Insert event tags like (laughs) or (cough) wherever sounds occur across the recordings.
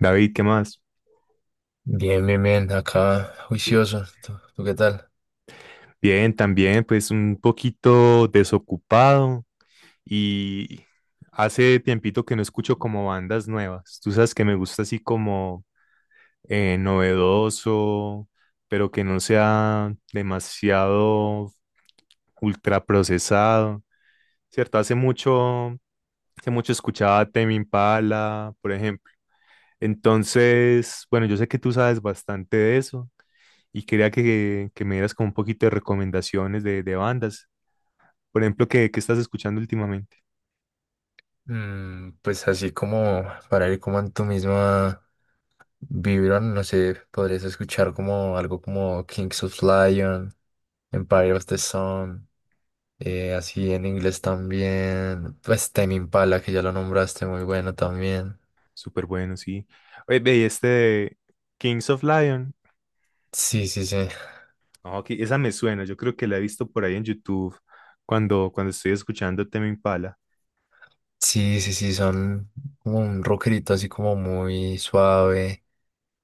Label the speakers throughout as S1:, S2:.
S1: David, ¿qué más?
S2: Bien, bien, bien, acá juicioso. ¿Tú qué tal?
S1: Bien, también pues un poquito desocupado y Hace tiempito que no escucho como bandas nuevas. Tú sabes que me gusta así como novedoso, pero que no sea demasiado ultraprocesado, ¿cierto? Hace mucho escuchaba Tame Impala, por ejemplo. Entonces, bueno, yo sé que tú sabes bastante de eso. Y quería que me dieras como un poquito de recomendaciones de bandas. Por ejemplo, ¿qué estás escuchando últimamente?
S2: Pues así como para ir como en tu misma vibra, no sé, podrías escuchar como algo como Kings of Lion, Empire of the Sun, así en inglés también, pues Tame Impala, que ya lo nombraste, muy bueno también.
S1: Súper bueno, sí. Oye, ve, y este de Kings of Lion.
S2: Sí, sí, sí.
S1: Ah, ok, esa me suena, yo creo que la he visto por ahí en YouTube cuando estoy escuchando Tame Impala.
S2: Sí, sí, sí, son como un rockerito así como muy suave,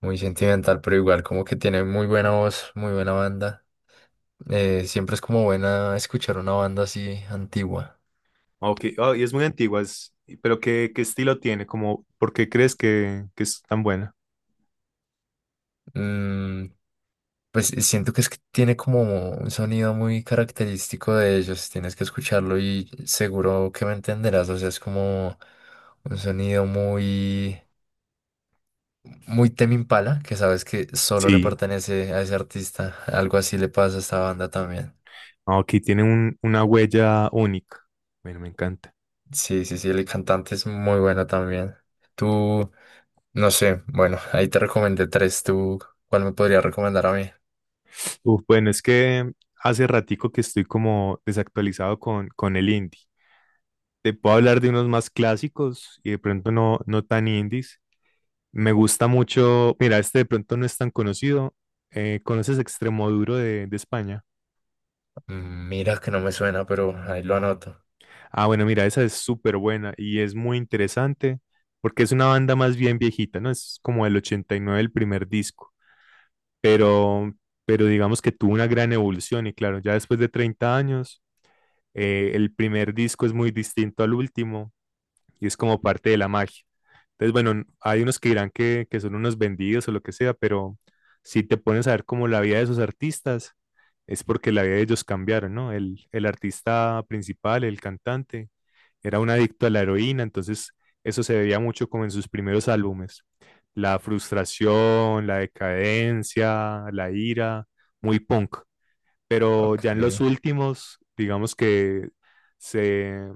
S2: muy sentimental, pero igual como que tiene muy buena voz, muy buena banda. Siempre es como buena escuchar una banda así antigua.
S1: Ah, ok, ah, y es muy antigua, pero ¿qué estilo tiene? Como, ¿por qué crees que es tan buena?
S2: Mm, pues siento que es que tiene como un sonido muy característico de ellos. Tienes que escucharlo y seguro que me entenderás. O sea, es como un sonido muy Tame Impala, que sabes que solo le
S1: Sí,
S2: pertenece a ese artista. Algo así le pasa a esta banda también.
S1: ah, ok, tiene una huella única. Bueno, me encanta.
S2: Sí, sí, sí, el cantante es muy bueno también. Tú, no sé, bueno, ahí te recomendé tres. ¿Tú cuál me podría recomendar a mí?
S1: Uf, bueno, es que hace ratico que estoy como desactualizado con el indie. Te puedo hablar de unos más clásicos y de pronto no tan indies. Me gusta mucho, mira, este de pronto no es tan conocido. ¿Conoces Extremoduro de España?
S2: Mira que no me suena, pero ahí lo anoto.
S1: Ah, bueno, mira, esa es súper buena y es muy interesante porque es una banda más bien viejita, ¿no? Es como el 89 el primer disco, pero, pero digamos que tuvo una gran evolución y claro, ya después de 30 años el primer disco es muy distinto al último y es como parte de la magia. Entonces, bueno, hay unos que dirán que son unos vendidos o lo que sea, pero si te pones a ver como la vida de esos artistas, es porque la vida de ellos cambiaron, ¿no? El artista principal, el cantante, era un adicto a la heroína, entonces eso se veía mucho como en sus primeros álbumes. La frustración, la decadencia, la ira, muy punk, pero
S2: Ok.
S1: ya en los últimos, digamos que se,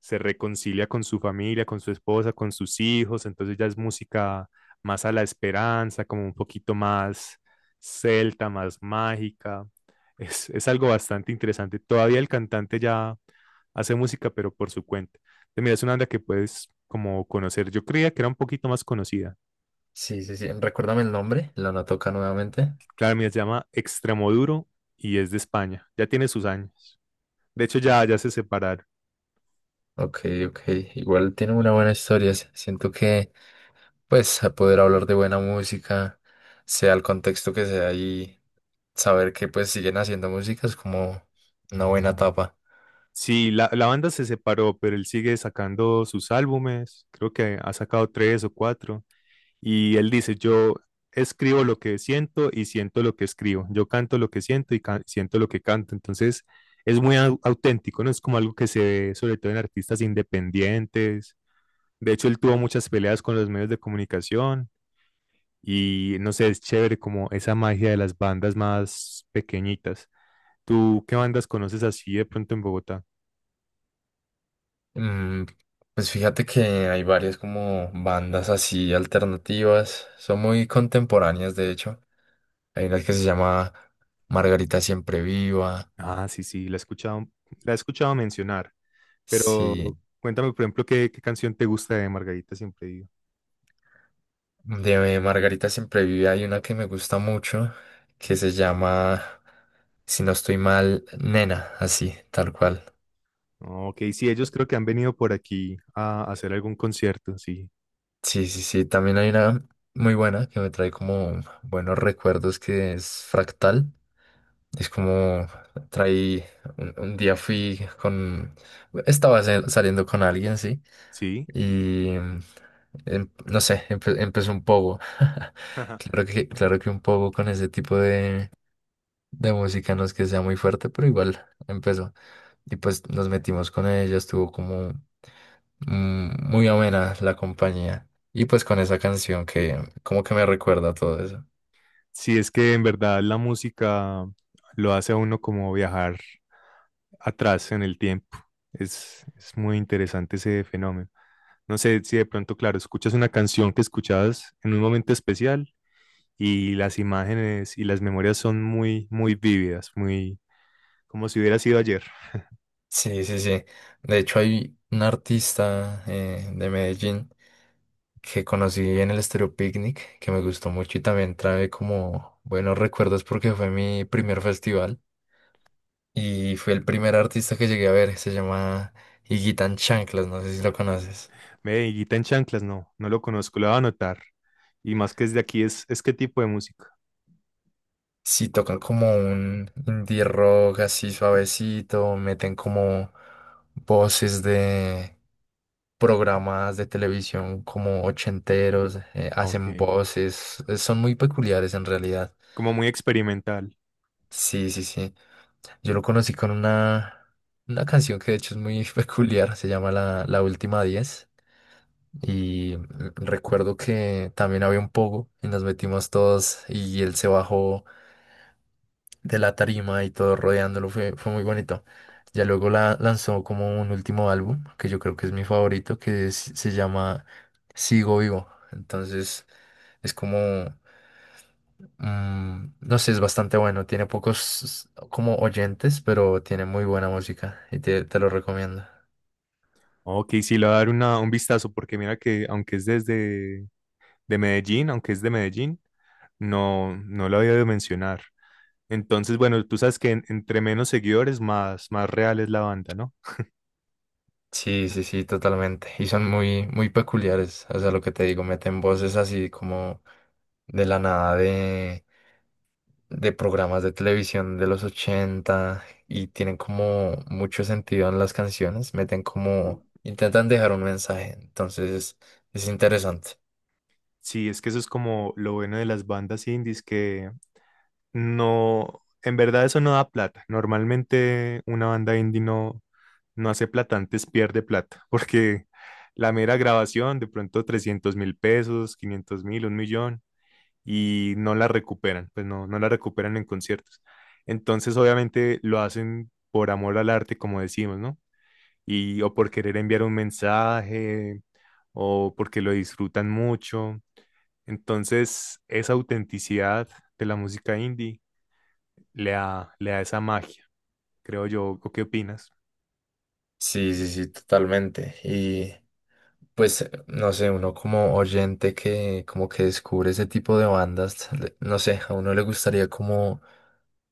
S1: se reconcilia con su familia, con su esposa, con sus hijos, entonces ya es música más a la esperanza, como un poquito más celta, más mágica. Es algo bastante interesante. Todavía el cantante ya hace música, pero por su cuenta. Entonces, mira, es una banda que puedes como conocer. Yo creía que era un poquito más conocida.
S2: Sí, sí, sí. Recuérdame el nombre. Lo anoto acá nuevamente.
S1: Claro, mira, se llama Extremoduro y es de España. Ya tiene sus años. De hecho, ya, ya se separaron.
S2: Ok, ok. Igual tiene una buena historia. Siento que, pues, a poder hablar de buena música, sea el contexto que sea y saber que, pues, siguen haciendo música es como una buena etapa.
S1: Sí, la banda se separó, pero él sigue sacando sus álbumes, creo que ha sacado tres o cuatro, y él dice, yo escribo lo que siento y siento lo que escribo, yo canto lo que siento y siento lo que canto, entonces es muy auténtico, ¿no? Es como algo que se ve sobre todo en artistas independientes, de hecho él tuvo muchas peleas con los medios de comunicación y no sé, es chévere como esa magia de las bandas más pequeñitas. ¿Tú qué bandas conoces así de pronto en Bogotá?
S2: Mm, pues fíjate que hay varias como bandas así alternativas. Son muy contemporáneas, de hecho. Hay una que se llama Margarita Siempre Viva.
S1: Ah, sí, sí, la he escuchado, mencionar, pero
S2: Sí,
S1: cuéntame, por ejemplo, qué canción te gusta de Margarita Siempre Viva.
S2: de Margarita siempre vive. Hay una que me gusta mucho que se llama, si no estoy mal, Nena, así, tal cual.
S1: Ok, sí, ellos creo que han venido por aquí a hacer algún concierto, sí,
S2: Sí, sí, sí. También hay una muy buena que me trae como buenos recuerdos que es Fractal. Es como traí, un día fui con, estaba saliendo con alguien, sí,
S1: sí.
S2: y no sé, empezó un poco. (laughs)
S1: (laughs)
S2: Claro que un poco con ese tipo de música, no es que sea muy fuerte, pero igual empezó. Y pues nos metimos con ella, estuvo como muy amena la compañía. Y pues con esa canción que como que me recuerda todo eso.
S1: Sí, es que en verdad la música lo hace a uno como viajar atrás en el tiempo. Es muy interesante ese fenómeno. No sé si de pronto, claro, escuchas una canción que escuchabas en un momento especial y las imágenes y las memorias son muy, muy vívidas, muy como si hubiera sido ayer. (laughs)
S2: Sí, sí, sí. De hecho hay un artista de Medellín que conocí en el Estéreo Picnic, que me gustó mucho y también trae como buenos recuerdos porque fue mi primer festival y fue el primer artista que llegué a ver, se llama Higuita en Chanclas, no sé si lo conoces.
S1: Medellita en chanclas, no, no lo conozco, lo voy a anotar. Y más que es de aquí, es qué tipo de música.
S2: Si tocan como un indie rock así suavecito, meten como voces de programas de televisión como ochenteros,
S1: Ok.
S2: hacen voces, son muy peculiares en realidad.
S1: Como muy experimental.
S2: Sí, sí, sí. Yo lo conocí con una canción que de hecho es muy (laughs) peculiar, se llama La Última diez. Y recuerdo que también había un pogo y nos metimos todos y él se bajó de la tarima y todo rodeándolo fue, fue muy bonito. Ya luego la lanzó como un último álbum, que yo creo que es mi favorito, que se llama Sigo Vivo. Entonces es como, no sé, es bastante bueno. Tiene pocos como oyentes, pero tiene muy buena música y te lo recomiendo.
S1: Ok, sí, le voy a dar una, un vistazo porque mira que aunque es desde de Medellín, aunque es de Medellín, no, no lo había de mencionar. Entonces, bueno, tú sabes que entre menos seguidores, más real es la banda, ¿no?
S2: Sí, sí, sí, totalmente. Y son muy peculiares. O sea, lo que te digo, meten voces así como de la nada de programas de televisión de los 80 y tienen como mucho sentido en las canciones, meten como, intentan dejar un mensaje, entonces es interesante.
S1: Sí, es que eso es como lo bueno de las bandas indies, que no, en verdad eso no da plata. Normalmente una banda indie no hace plata, antes pierde plata, (laughs) porque la mera grabación, de pronto 300.000 pesos, 500.000, un millón, y no la recuperan, pues no la recuperan en conciertos. Entonces, obviamente lo hacen por amor al arte, como decimos, ¿no? Y o por querer enviar un mensaje o porque lo disfrutan mucho. Entonces, esa autenticidad de la música indie le da esa magia, creo yo. ¿O qué opinas?
S2: Sí, sí, sí, totalmente. Y pues, no sé, uno como oyente que como que descubre ese tipo de bandas, no sé, a uno le gustaría como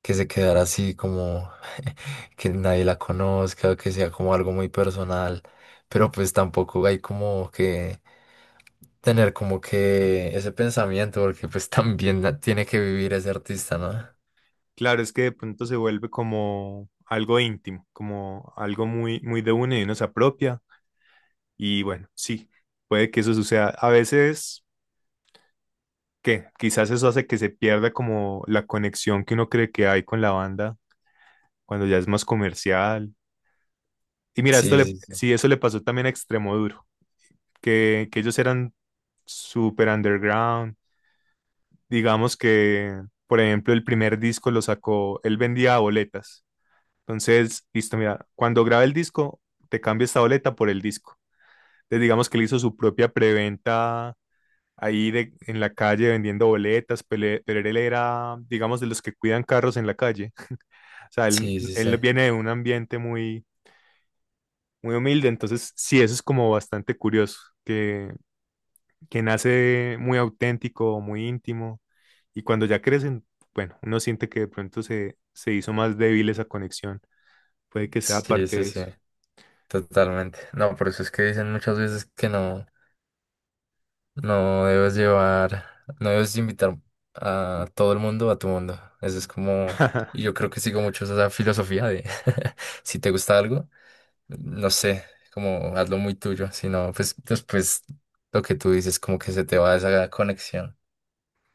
S2: que se quedara así como (laughs) que nadie la conozca, que sea como algo muy personal, pero pues tampoco hay como que tener como que ese pensamiento, porque pues (laughs) también tiene que vivir ese artista, ¿no?
S1: Claro, es que de pronto se vuelve como algo íntimo, como algo muy, muy de uno y uno se apropia. Y bueno, sí, puede que eso suceda. A veces, que quizás eso hace que se pierda como la conexión que uno cree que hay con la banda cuando ya es más comercial. Y mira,
S2: Sí, sí, sí,
S1: sí, eso le pasó también a Extremo Duro, que ellos eran super underground. Digamos que, por ejemplo, el primer disco lo sacó, él vendía boletas. Entonces, listo, mira, cuando graba el disco, te cambia esta boleta por el disco. Entonces, digamos que él hizo su propia preventa ahí de, en la calle vendiendo boletas, pero él era, digamos, de los que cuidan carros en la calle. O sea, él,
S2: sí,
S1: él
S2: sí,
S1: viene de un ambiente muy, muy humilde, entonces sí, eso es como bastante curioso, que que nace muy auténtico, muy íntimo, y cuando ya crecen, bueno, uno siente que de pronto se hizo más débil esa conexión, puede que sea
S2: sí, sí,
S1: parte
S2: sí,
S1: de
S2: sí,
S1: eso.
S2: totalmente. No, por eso es que dicen muchas veces que no. No debes llevar, no debes invitar a todo el mundo a tu mundo. Eso es como, y yo creo que sigo mucho esa filosofía de (laughs) si te gusta algo, no sé, como hazlo muy tuyo, si no, pues después lo que tú dices, como que se te va esa conexión.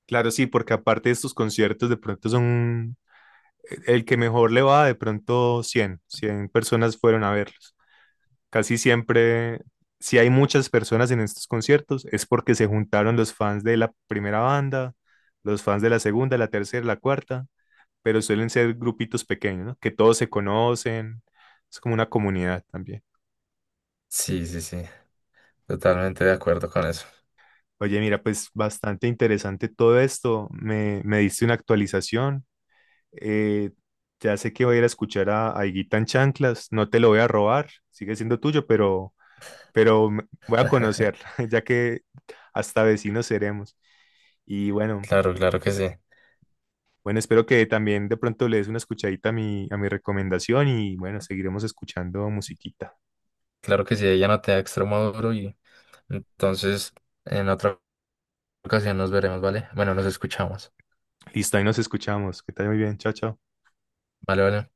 S1: Claro, sí, porque aparte de estos conciertos, de pronto son el que mejor le va, de pronto 100, 100 personas fueron a verlos. Casi siempre, si hay muchas personas en estos conciertos, es porque se juntaron los fans de la primera banda, los fans de la segunda, la tercera, la cuarta, pero suelen ser grupitos pequeños, ¿no? Que todos se conocen, es como una comunidad también.
S2: Sí, sí, sí, totalmente de acuerdo con eso.
S1: Oye, mira, pues bastante interesante todo esto. Me diste una actualización. Eh, ya sé que voy a ir a escuchar a Higuita en Chanclas. No te lo voy a robar, sigue siendo tuyo, pero, voy a conocer, (laughs) ya que hasta vecinos seremos. Y bueno,
S2: Claro, claro que sí.
S1: bueno, espero que también de pronto le des una escuchadita a mi recomendación y bueno, seguiremos escuchando musiquita.
S2: Claro que sí, ella no te da extremo duro y entonces en otra ocasión nos veremos, ¿vale? Bueno, nos escuchamos.
S1: Listo, ahí nos escuchamos. Que te vaya muy bien. Chao, chao.
S2: Vale, vale.